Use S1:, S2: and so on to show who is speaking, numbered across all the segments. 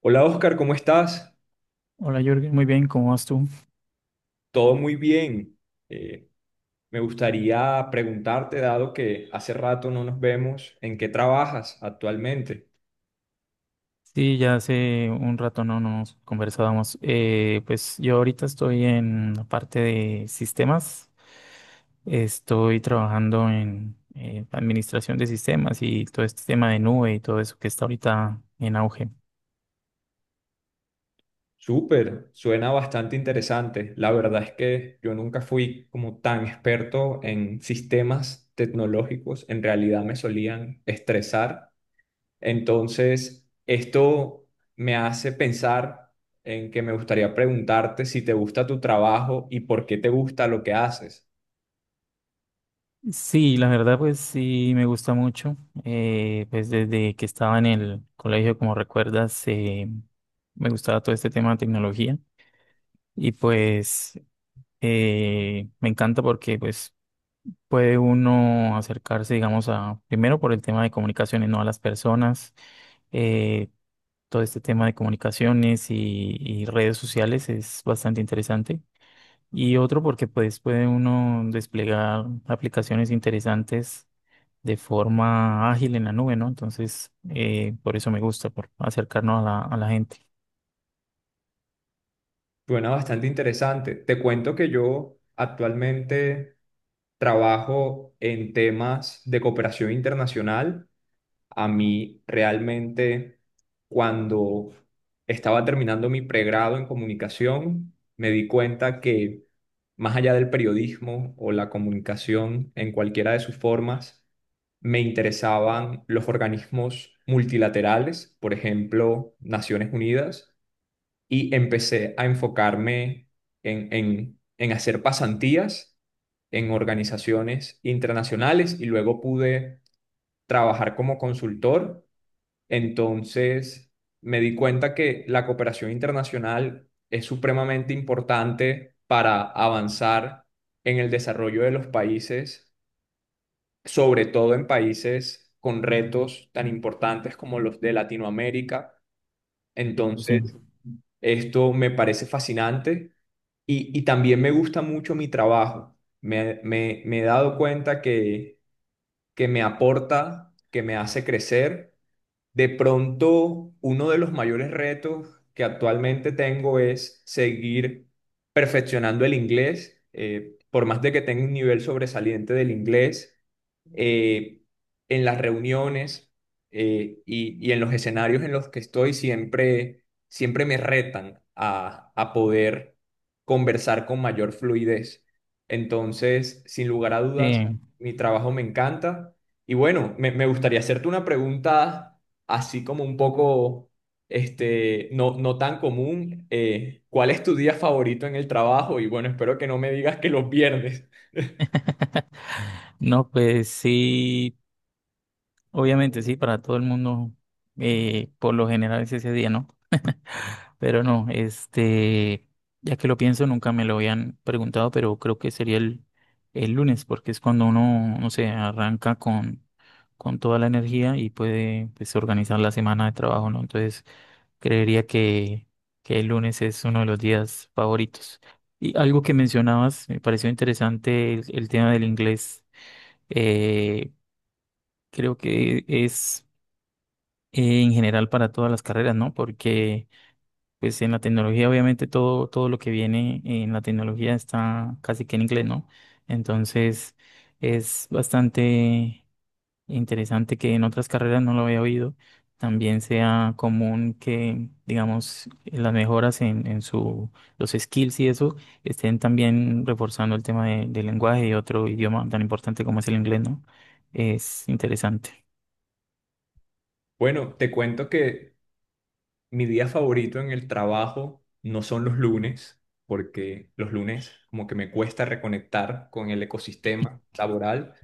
S1: Hola Oscar, ¿cómo estás?
S2: Hola Jürgen, muy bien, ¿cómo vas tú?
S1: Todo muy bien. Eh, me gustaría preguntarte, dado que hace rato no nos vemos, ¿en qué trabajas actualmente?
S2: Sí, ya hace un rato no nos conversábamos. Pues yo ahorita estoy en la parte de sistemas, estoy trabajando en administración de sistemas y todo este tema de nube y todo eso que está ahorita en auge.
S1: Súper, suena bastante interesante. La verdad es que yo nunca fui como tan experto en sistemas tecnológicos. En realidad me solían estresar. Entonces, esto me hace pensar en que me gustaría preguntarte si te gusta tu trabajo y por qué te gusta lo que haces.
S2: Sí, la verdad pues sí me gusta mucho. Pues desde que estaba en el colegio, como recuerdas, me gustaba todo este tema de tecnología. Y pues Me encanta porque pues puede uno acercarse, digamos, a primero por el tema de comunicaciones, no, a las personas. Eh, Todo este tema de comunicaciones y redes sociales es bastante interesante. Y otro porque pues puede uno desplegar aplicaciones interesantes de forma ágil en la nube, ¿no? Entonces, por eso me gusta, por acercarnos a a la gente.
S1: Bueno, bastante interesante. Te cuento que yo actualmente trabajo en temas de cooperación internacional. A mí realmente, cuando estaba terminando mi pregrado en comunicación, me di cuenta que más allá del periodismo o la comunicación en cualquiera de sus formas, me interesaban los organismos multilaterales, por ejemplo, Naciones Unidas, y empecé a enfocarme en hacer pasantías en organizaciones internacionales y luego pude trabajar como consultor. Entonces me di cuenta que la cooperación internacional es supremamente importante para avanzar en el desarrollo de los países, sobre todo en países con retos tan importantes como los de Latinoamérica.
S2: Claro, sí.
S1: Entonces, esto me parece fascinante. Y también me gusta mucho mi trabajo. Me he dado cuenta que me aporta, que me hace crecer. De pronto, uno de los mayores retos que actualmente tengo es seguir perfeccionando el inglés. Por más de que tenga un nivel sobresaliente del inglés, eh, en las reuniones y en los escenarios en los que estoy, siempre, siempre me retan a poder conversar con mayor fluidez. Entonces, sin lugar a dudas,
S2: Sí.
S1: mi trabajo me encanta. Y bueno, me gustaría hacerte una pregunta así como un poco, no tan común. ¿Cuál es tu día favorito en el trabajo? Y bueno, espero que no me digas que los viernes.
S2: No, pues sí. Obviamente sí, para todo el mundo, por lo general es ese día, ¿no? Pero no, este, ya que lo pienso, nunca me lo habían preguntado, pero creo que sería el lunes, porque es cuando uno, no sé, arranca con toda la energía y puede, pues, organizar la semana de trabajo, ¿no? Entonces, creería que, que el lunes es uno de los días favoritos. Y algo que mencionabas, me pareció interesante el tema del inglés. Eh, Creo que es en general para todas las carreras, ¿no? Porque pues en la tecnología obviamente todo lo que viene en la tecnología está casi que en inglés, ¿no? Entonces es bastante interesante que en otras carreras no lo había oído, también sea común que, digamos, las mejoras en su, los skills y eso estén también reforzando el tema del lenguaje y otro idioma tan importante como es el inglés, ¿no? Es interesante.
S1: Bueno, te cuento que mi día favorito en el trabajo no son los lunes, porque los lunes como que me cuesta reconectar con el ecosistema laboral,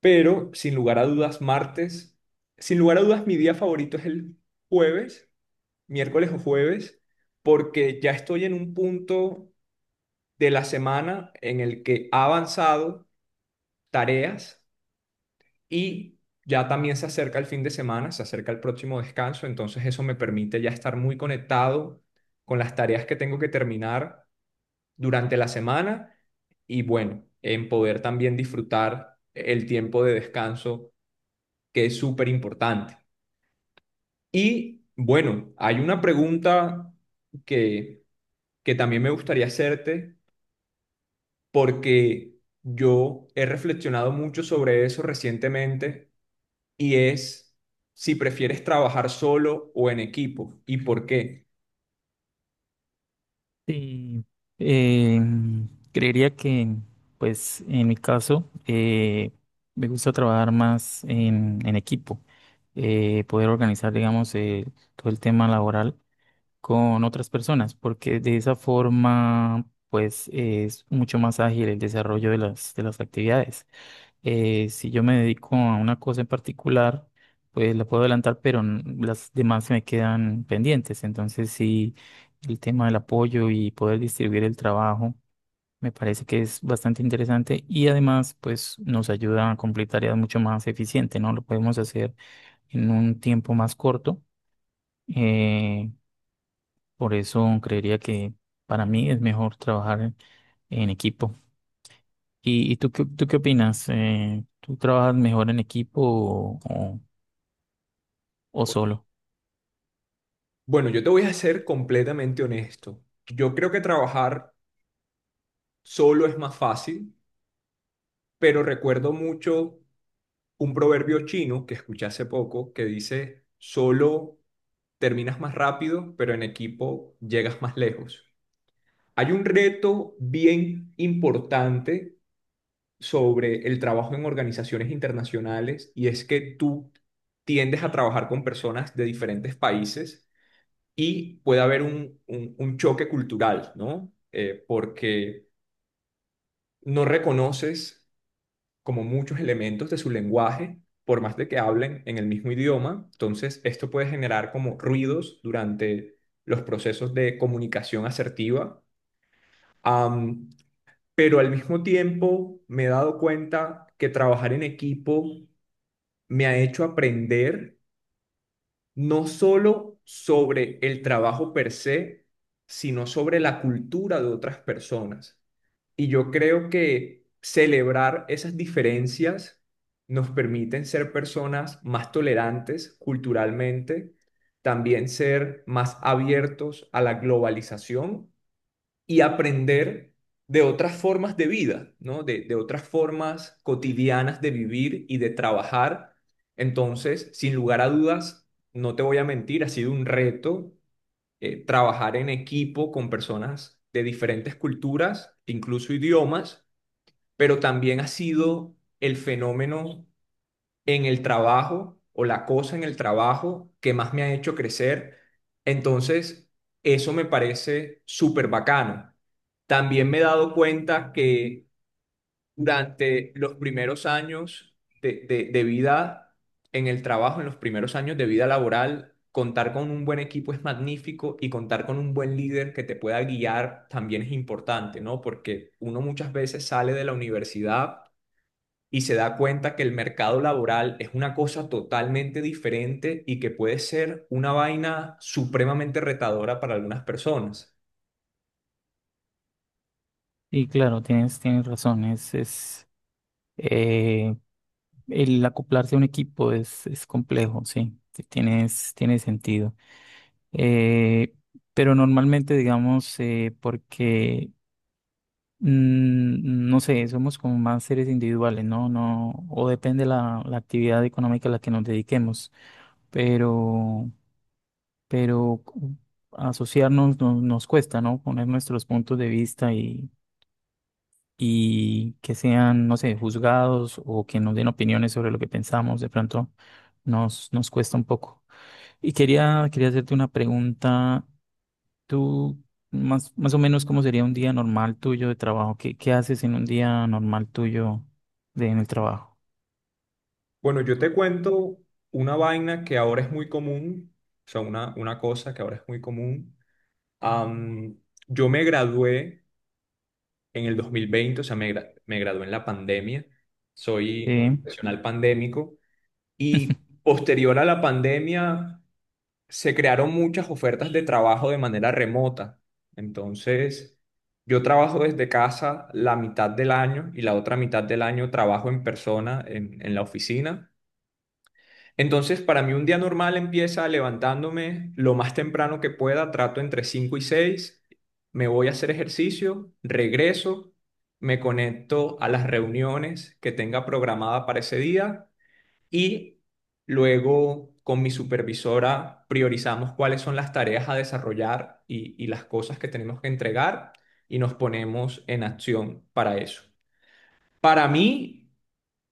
S1: pero sin lugar a dudas, martes, sin lugar a dudas, mi día favorito es el jueves, miércoles o jueves, porque ya estoy en un punto de la semana en el que ha avanzado tareas y ya también se acerca el fin de semana, se acerca el próximo descanso, entonces eso me permite ya estar muy conectado con las tareas que tengo que terminar durante la semana y bueno, en poder también disfrutar el tiempo de descanso que es súper importante. Y bueno, hay una pregunta que, que también me gustaría hacerte porque yo he reflexionado mucho sobre eso recientemente y es si prefieres trabajar solo o en equipo y por qué.
S2: Sí, eh, creería que, pues, en mi caso, me gusta trabajar más en equipo, poder organizar, digamos, todo el tema laboral con otras personas, porque de esa forma, pues, es mucho más ágil el desarrollo de de las actividades. Si yo me dedico a una cosa en particular, pues la puedo adelantar, pero las demás se me quedan pendientes. Entonces, sí, el tema del apoyo y poder distribuir el trabajo me parece que es bastante interesante y además, pues nos ayuda a cumplir tareas mucho más eficiente, ¿no? Lo podemos hacer en un tiempo más corto. Eh, por eso creería que para mí es mejor trabajar en equipo. ¿Y tú, tú qué opinas? ¿Tú trabajas mejor en equipo o
S1: O-
S2: solo?
S1: Bueno, yo te voy a ser completamente honesto. Yo creo que trabajar solo es más fácil, pero recuerdo mucho un proverbio chino que escuché hace poco que dice, solo terminas más rápido, pero en equipo llegas más lejos. Hay un reto bien importante sobre el trabajo en organizaciones internacionales y es que tú tiendes a trabajar con personas de diferentes países y puede haber un choque cultural, ¿no? Porque no reconoces como muchos elementos de su lenguaje, por más de que hablen en el mismo idioma. Entonces, esto puede generar como ruidos durante los procesos de comunicación asertiva. Am, pero al mismo tiempo me he dado cuenta que trabajar en equipo me ha hecho aprender no solo sobre el trabajo per se, sino sobre la cultura de otras personas. Y yo creo que celebrar esas diferencias nos permiten ser personas más tolerantes culturalmente, también ser más abiertos a la globalización y aprender de otras formas de vida, ¿no? De otras formas cotidianas de vivir y de trabajar. Entonces, sin lugar a dudas, no te voy a mentir, ha sido un reto, trabajar en equipo con personas de diferentes culturas, incluso idiomas, pero también ha sido el fenómeno en el trabajo o la cosa en el trabajo que más me ha hecho crecer. Entonces, eso me parece súper bacano. También me he dado cuenta que durante los primeros años de vida en el trabajo, en los primeros años de vida laboral, contar con un buen equipo es magnífico y contar con un buen líder que te pueda guiar también es importante, ¿no? Porque uno muchas veces sale de la universidad y se da cuenta que el mercado laboral es una cosa totalmente diferente y que puede ser una vaina supremamente retadora para algunas personas.
S2: Y claro, tienes razón, es eh, el acoplarse a un equipo es complejo, sí, sí, tiene sentido. Eh, pero normalmente, digamos, porque, no sé, somos como más seres individuales, ¿no? No, o depende la actividad económica a la que nos dediquemos. Pero pero cu- Asociarnos nos cuesta, ¿no? Poner nuestros puntos de vista y que sean, no sé, juzgados o que nos den opiniones sobre lo que pensamos, de pronto nos cuesta un poco. Y quería hacerte una pregunta. Tú, más o menos, ¿cómo sería un día normal tuyo de trabajo? ¿Qué haces en un día normal tuyo en el trabajo?
S1: Bueno, yo te cuento una vaina que ahora es muy común, o sea, una cosa que ahora es muy común. Am, yo me gradué en el 2020, o sea, me gradué en la pandemia, soy
S2: Sí.
S1: profesional pandémico y posterior a la pandemia se crearon muchas ofertas de trabajo de manera remota. Entonces, yo trabajo desde casa la mitad del año y la otra mitad del año trabajo en persona en la oficina. Entonces, para mí un día normal empieza levantándome lo más temprano que pueda, trato entre 5 y seis, me voy a hacer ejercicio, regreso, me conecto a las reuniones que tenga programada para ese día y luego con mi supervisora priorizamos cuáles son las tareas a desarrollar y las cosas que tenemos que entregar y nos ponemos en acción para eso. Para mí,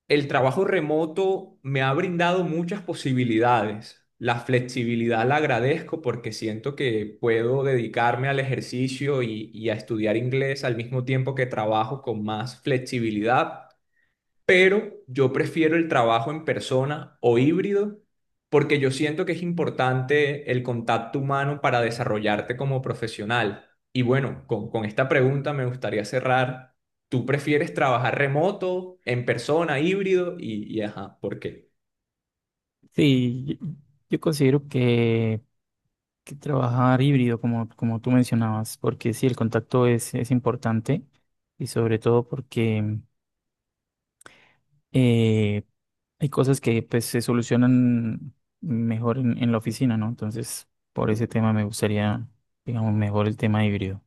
S1: el trabajo remoto me ha brindado muchas posibilidades. La flexibilidad la agradezco porque siento que puedo dedicarme al ejercicio y a estudiar inglés al mismo tiempo que trabajo con más flexibilidad, pero yo prefiero el trabajo en persona o híbrido porque yo siento que es importante el contacto humano para desarrollarte como profesional. Y bueno, con esta pregunta me gustaría cerrar. ¿Tú prefieres trabajar remoto, en persona, híbrido? Y ajá, ¿por qué?
S2: Sí, yo considero que trabajar híbrido, como, como tú mencionabas, porque sí, el contacto es importante y sobre todo porque eh, hay cosas que pues, se solucionan mejor en la oficina, ¿no? Entonces, por ese tema me gustaría, digamos, mejor el tema híbrido.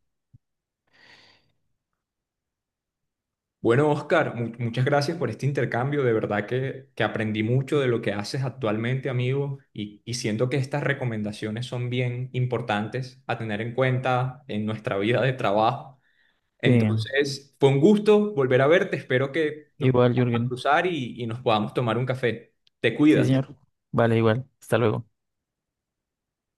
S1: Bueno, Oscar, muchas gracias por este intercambio. De verdad que aprendí mucho de lo que haces actualmente, amigo, y siento que estas recomendaciones son bien importantes a tener en cuenta en nuestra vida de trabajo.
S2: Sí,
S1: Entonces, fue un gusto volver a verte. Espero que nos
S2: igual,
S1: podamos
S2: Jürgen.
S1: cruzar y nos podamos tomar un café. Te
S2: Sí,
S1: cuidas.
S2: señor. Vale, igual. Hasta luego.